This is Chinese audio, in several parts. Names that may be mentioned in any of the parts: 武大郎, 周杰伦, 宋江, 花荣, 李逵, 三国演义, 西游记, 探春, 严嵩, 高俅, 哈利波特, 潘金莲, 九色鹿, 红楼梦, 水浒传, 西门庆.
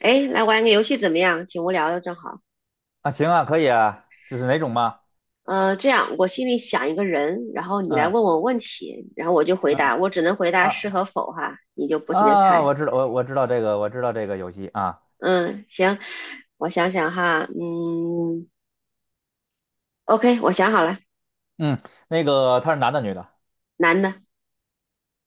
哎，来玩个游戏怎么样？挺无聊的，正好。啊，行啊，可以啊，就是哪种嘛？这样，我心里想一个人，然后你来嗯问我问题，然后我就回嗯答，我只能回答是啊和否哈，你就不停的啊，猜。我知道，我知道这个，我知道这个游戏啊。嗯，行，我想想哈，嗯，OK，我想好了，嗯，那个他是男的女的？男的，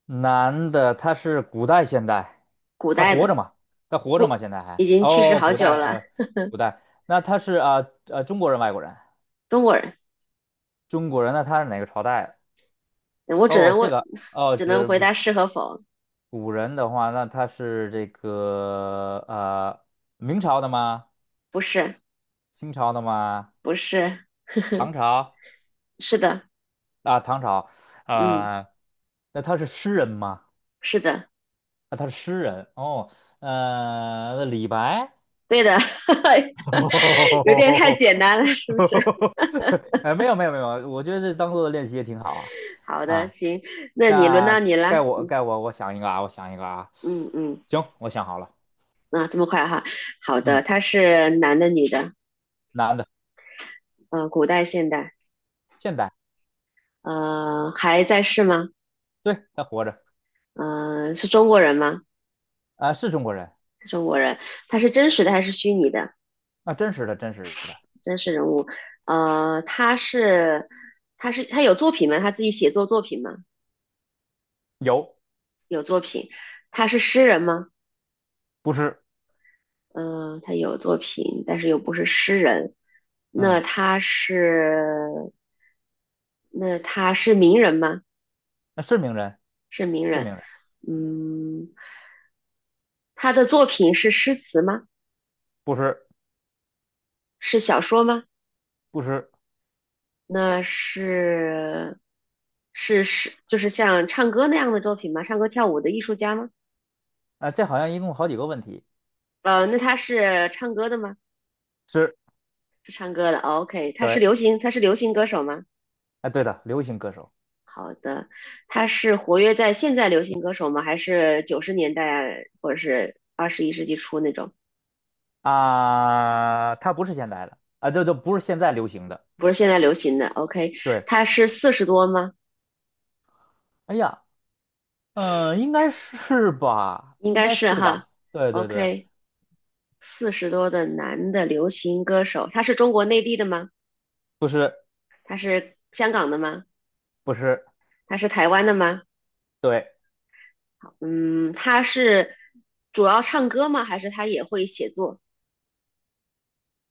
男的，他是古代现代，古他代活的，着吗？他活着吗？现在还？已经去世哦，好古久代了，古代，那他是中国人外国人？中国人。中国人那他是哪个朝代的？我只哦，能这问，个哦，只能这回不答是和否，古人的话，那他是这个明朝的吗？不是，清朝的吗？不是，唐朝？是的，啊，唐朝，嗯，啊、那他是诗人吗？是的，啊，他是诗人哦，那李白，对的，有点太 简单了，是不是？哎，没有没有没有，我觉得这当做练习也挺好啊好的，啊，行，那你轮到那你该了。我该我我想一个啊，我想一个啊，嗯嗯，行，我想好了，啊，这么快哈。好嗯，的，他是男的女的？男的，古代现代？现代，还在世吗？对，他活着是中国人吗？啊，是中国人中国人，他是真实的还是虚拟的？啊，真实的真实的，真实人物。呃，他是他是他有作品吗？他自己写作作品吗？有，有作品。他是诗人吗？不是，嗯、他有作品，但是又不是诗人。那嗯，他是那他是名人吗？那是名人，是名是人。名人，嗯，他的作品是诗词吗？不是是小说吗？不是。那是是是，就是像唱歌那样的作品吗？唱歌跳舞的艺术家吗？啊，这好像一共好几个问题。那他是唱歌的吗？是，是唱歌的。哦 OK，他是对，流行，他是流行歌手吗？啊，对的，流行歌手好的，他是活跃在现在流行歌手吗？还是90年代或者是21世纪初那种？啊，他不是现代的啊，这都不是现在流行的。不是现在流行的。OK，对，他是四十多吗？哎呀，嗯、应该是吧，应应该该是是哈。吧。对对对，OK，四十多的男的流行歌手，他是中国内地的吗？不是他是香港的吗？不是，他是台湾的吗？对，嗯，他是主要唱歌吗？还是他也会写作？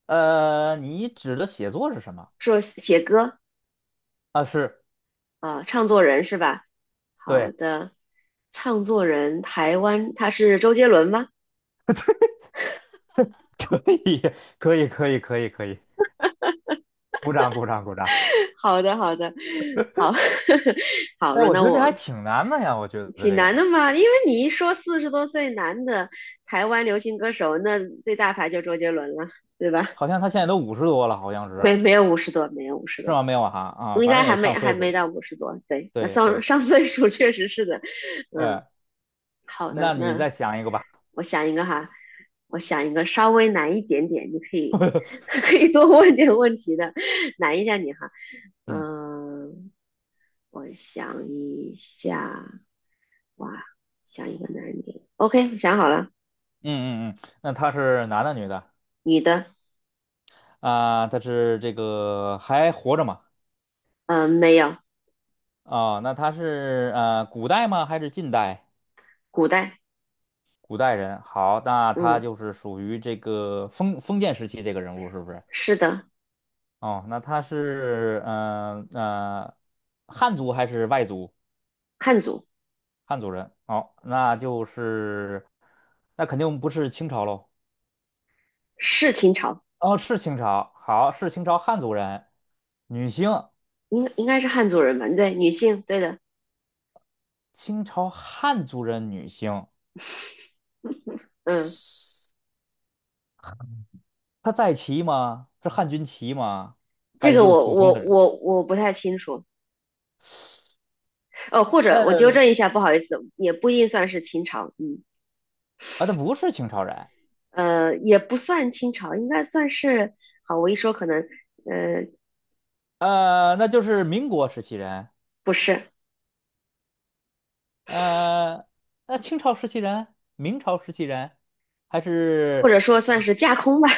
你指的写作是什么？说写歌啊，是，啊、唱作人是吧？好对，的，唱作人台湾，他是周杰伦吗？可以，可以，可以，可以，可以，鼓掌，鼓掌，鼓掌。好的，好的，好，好，哎，轮我到觉得这还我，挺难的呀，我觉得挺这难个的嘛，因为你一说四十多岁男的台湾流行歌手，那最大牌就周杰伦了，对吧？好像他现在都50多了，好像是，没有五十多，没有五十是多，吗？没有啊，啊，应反该正还也没上还岁数没了。到五十多。对，那对上对，上岁数确实是的。嗯，呃，好的，那你那再想一个吧。我想一个哈，我想一个稍微难一点点，你可以 可以多问点问题的，难一下你哈。嗯嗯，我想一下，哇，想一个难一点。OK，想好了，嗯嗯嗯，那他是男的女的？女的，啊、他是这个还活着吗？嗯，没有，啊、那他是古代吗？还是近代？古代，古代人。好，那他嗯，就是属于这个封建时期这个人物是不是？是的，哦，那他是汉族还是外族？汉族，汉族人。哦，那就是那肯定不是清朝喽。是秦朝，哦，是清朝。好，是清朝汉族人，女性。应该是汉族人吧？对，女性，对的。清朝汉族人女性，嗯，她在旗吗？是汉军旗吗？还这是个就是我普通我的人？我我不太清楚。哦，或者我纠呃，正一下，不好意思，也不一定算是清朝。嗯，啊，她不是清朝人，也不算清朝，应该算是。好，我一说可能，呃，那就是民国时期人，不是，呃，那清朝时期人，明朝时期人，还或是者说算是架空吧。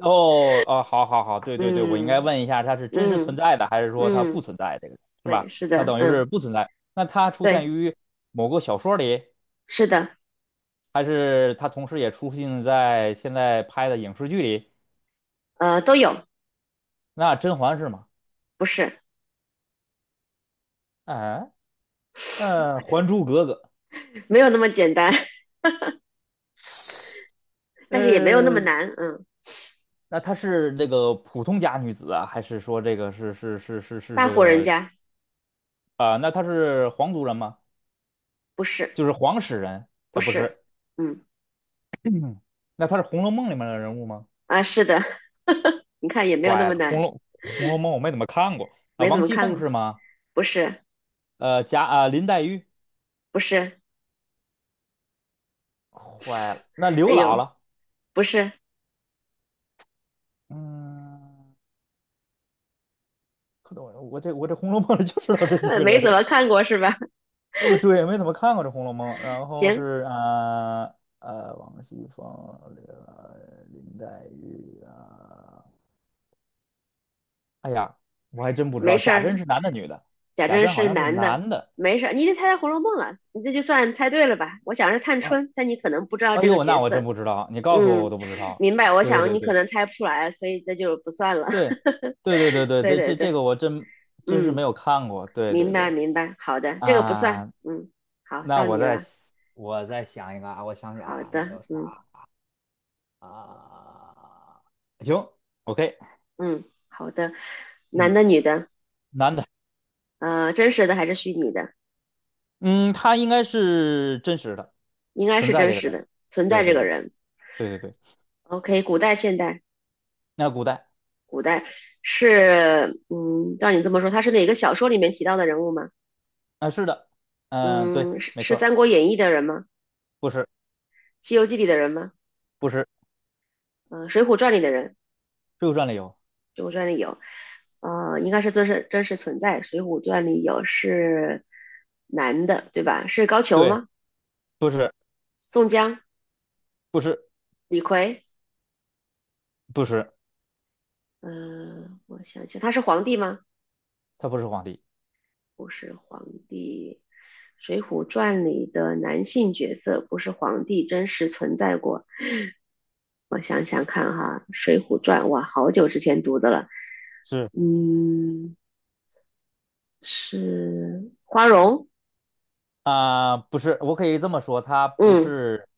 哦哦，好好好，对对对，我应该嗯问一下，她是真实存嗯在的，还是说她不嗯，存在？这个是吧？对，是她的，等于是嗯，不存在。那她出现对，于某个小说里，是的，还是她同时也出现在现在拍的影视剧里？都有，那甄嬛是吗？不是，啊，《还珠格格》没有那么简单，但是也没有那么呃，难。嗯，那她是这个普通家女子啊，还是说这个是大这户人个家啊、那她是皇族人吗？不是就是皇室人，不她不是，是。嗯嗯，那她是《红楼梦》里面的人物吗？是的，你看也没有那坏么了，《红难，楼红楼梦》我没怎么看过啊、没怎王么熙看凤过。是吗？不是，林黛玉，不是，坏了，那刘哎姥呦，姥。不是，嗯，可懂我这《红楼梦》里就知道这几 个没怎人，么看过是吧？不对，没怎么看过这《红楼梦》。然 后行，是啊王熙凤、林黛玉啊、哎呀，我还真不知没道事贾珍儿，是男的女的，贾贾政珍好是像是男的，男的没事儿，你已经猜到《红楼梦》了，你这就算猜对了吧？我想是探啊。春，但你可能不知道哎这个呦，角那我真色。不知道，你告诉我我嗯，都不知道。明白，我对想对你可对能猜不出来，所以这就不算了。对对对对 对，对这对这这对，个我真真是没嗯，有看过。对明对白对明白，好的，这个不算，啊，嗯，好，那到我你再了，我再想一个啊，我想想好啊，那的，叫嗯啥啊？行，OK，嗯，好的，嗯，男的女的，男的。真实的还是虚拟的？嗯，他应该是真实的应该存是在真这个实人。的，存对在这对个对人。对对对，OK，古代、现代，那古代古代是，嗯，照你这么说，他是哪个小说里面提到的人物吗？啊，是的，嗯、对，嗯，是没是错儿《三国演义》的人吗？不是《西游记》里的人吗？不是嗯、水浒传》里的人，《水浒传》里有，《水浒传》里有，应该是真实存在，《水浒传》里有是男的，对吧？是高俅对，吗？不是宋江、不是李逵，不是，嗯、我想想，他是皇帝吗？他不是皇帝，不是皇帝，《水浒传》里的男性角色不是皇帝真实存在过。我想想看哈，《水浒传》哇，好久之前读的了。是嗯，是花荣。啊、不是，我可以这么说，他不嗯，是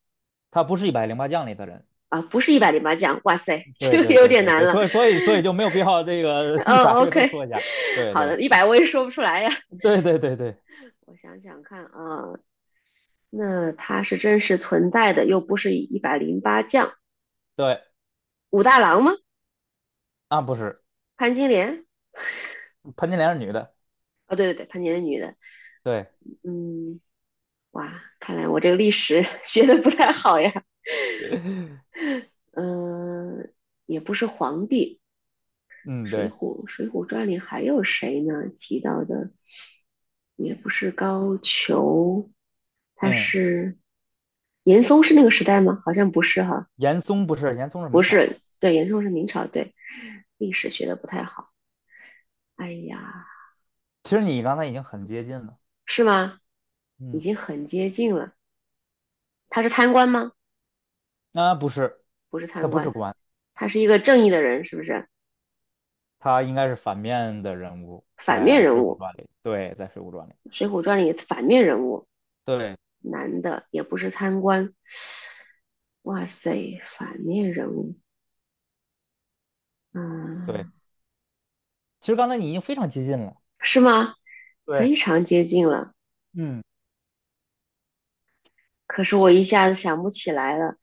他不是一百零八将里的人。啊，不是一百零八将。哇塞，对这个对有对点对难对，了。所以就没有必要这个 一百哦个都，OK，说一下。对好对的，100我也说不出来呀。对对对对我想想看啊，那他是真实存在的，又不是一百零八将，对武大郎吗？啊，不是潘金莲？潘金莲是女的，哦，对对对，潘金莲女的。对，嗯，哇，看来我这个历史 学的不太好呀。嗯，也不是皇帝，嗯对。《水浒传》里还有谁呢？提到的也不是高俅，他嗯。是严嵩是那个时代吗？好像不是哈，严嵩不是，严嵩是不明朝。是，对，严嵩是明朝，对，历史学的不太好。哎呀，其实你刚才已经很接近了。是吗？已嗯，经很接近了。他是贪官吗？啊，不是，不是他贪不是官，官，他是一个正义的人，是不是？他应该是反面的人物，反面在人《水浒物。传》里。对，在《水浒传》里。水浒传》里的反面人物，对男的也不是贪官。哇塞，反面人物，对，嗯，其实刚才你已经非常接近了，是吗？对，非常接近了，嗯，可是我一下子想不起来了。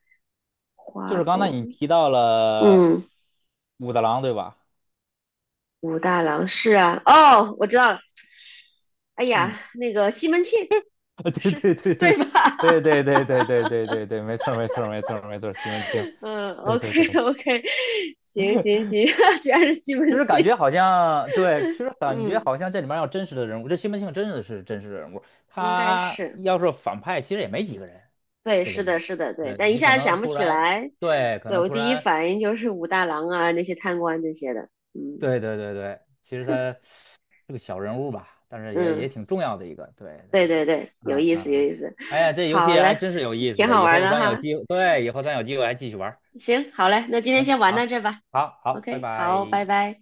就是花，刚才我，你提到了嗯，武大郎，对吧？武大郎是啊，哦，我知道了。哎嗯，呀，那个西门庆 是对吧？对对对对对对对对对对对对，没错儿没错儿没错儿没错儿西门庆。嗯对对，OK 对 OK，行行行，居然是西门就是感庆，觉好像对，其实感觉嗯，好像这里面要真实的人物，这西门庆真的是真实的人物，应该他是。要是反派，其实也没几个人，对，这是里的，面，是的，对，对但一你可下子能想不突起然，来。对，可对，能我突第一然，反应就是武大郎啊，那些贪官这些的。嗯对对对对，其实他是个小人物吧，但是也嗯，也挺重要的一个，对对，对对对，有嗯意思，有嗯，意思。哎呀，这游好戏还嘞，真是有意思挺的，好以玩后的咱有哈。机会，对，以后咱有机会还继续玩儿，行，好嘞，那今天行，先玩到好，这儿吧。好，好，拜 OK，好，拜。拜拜。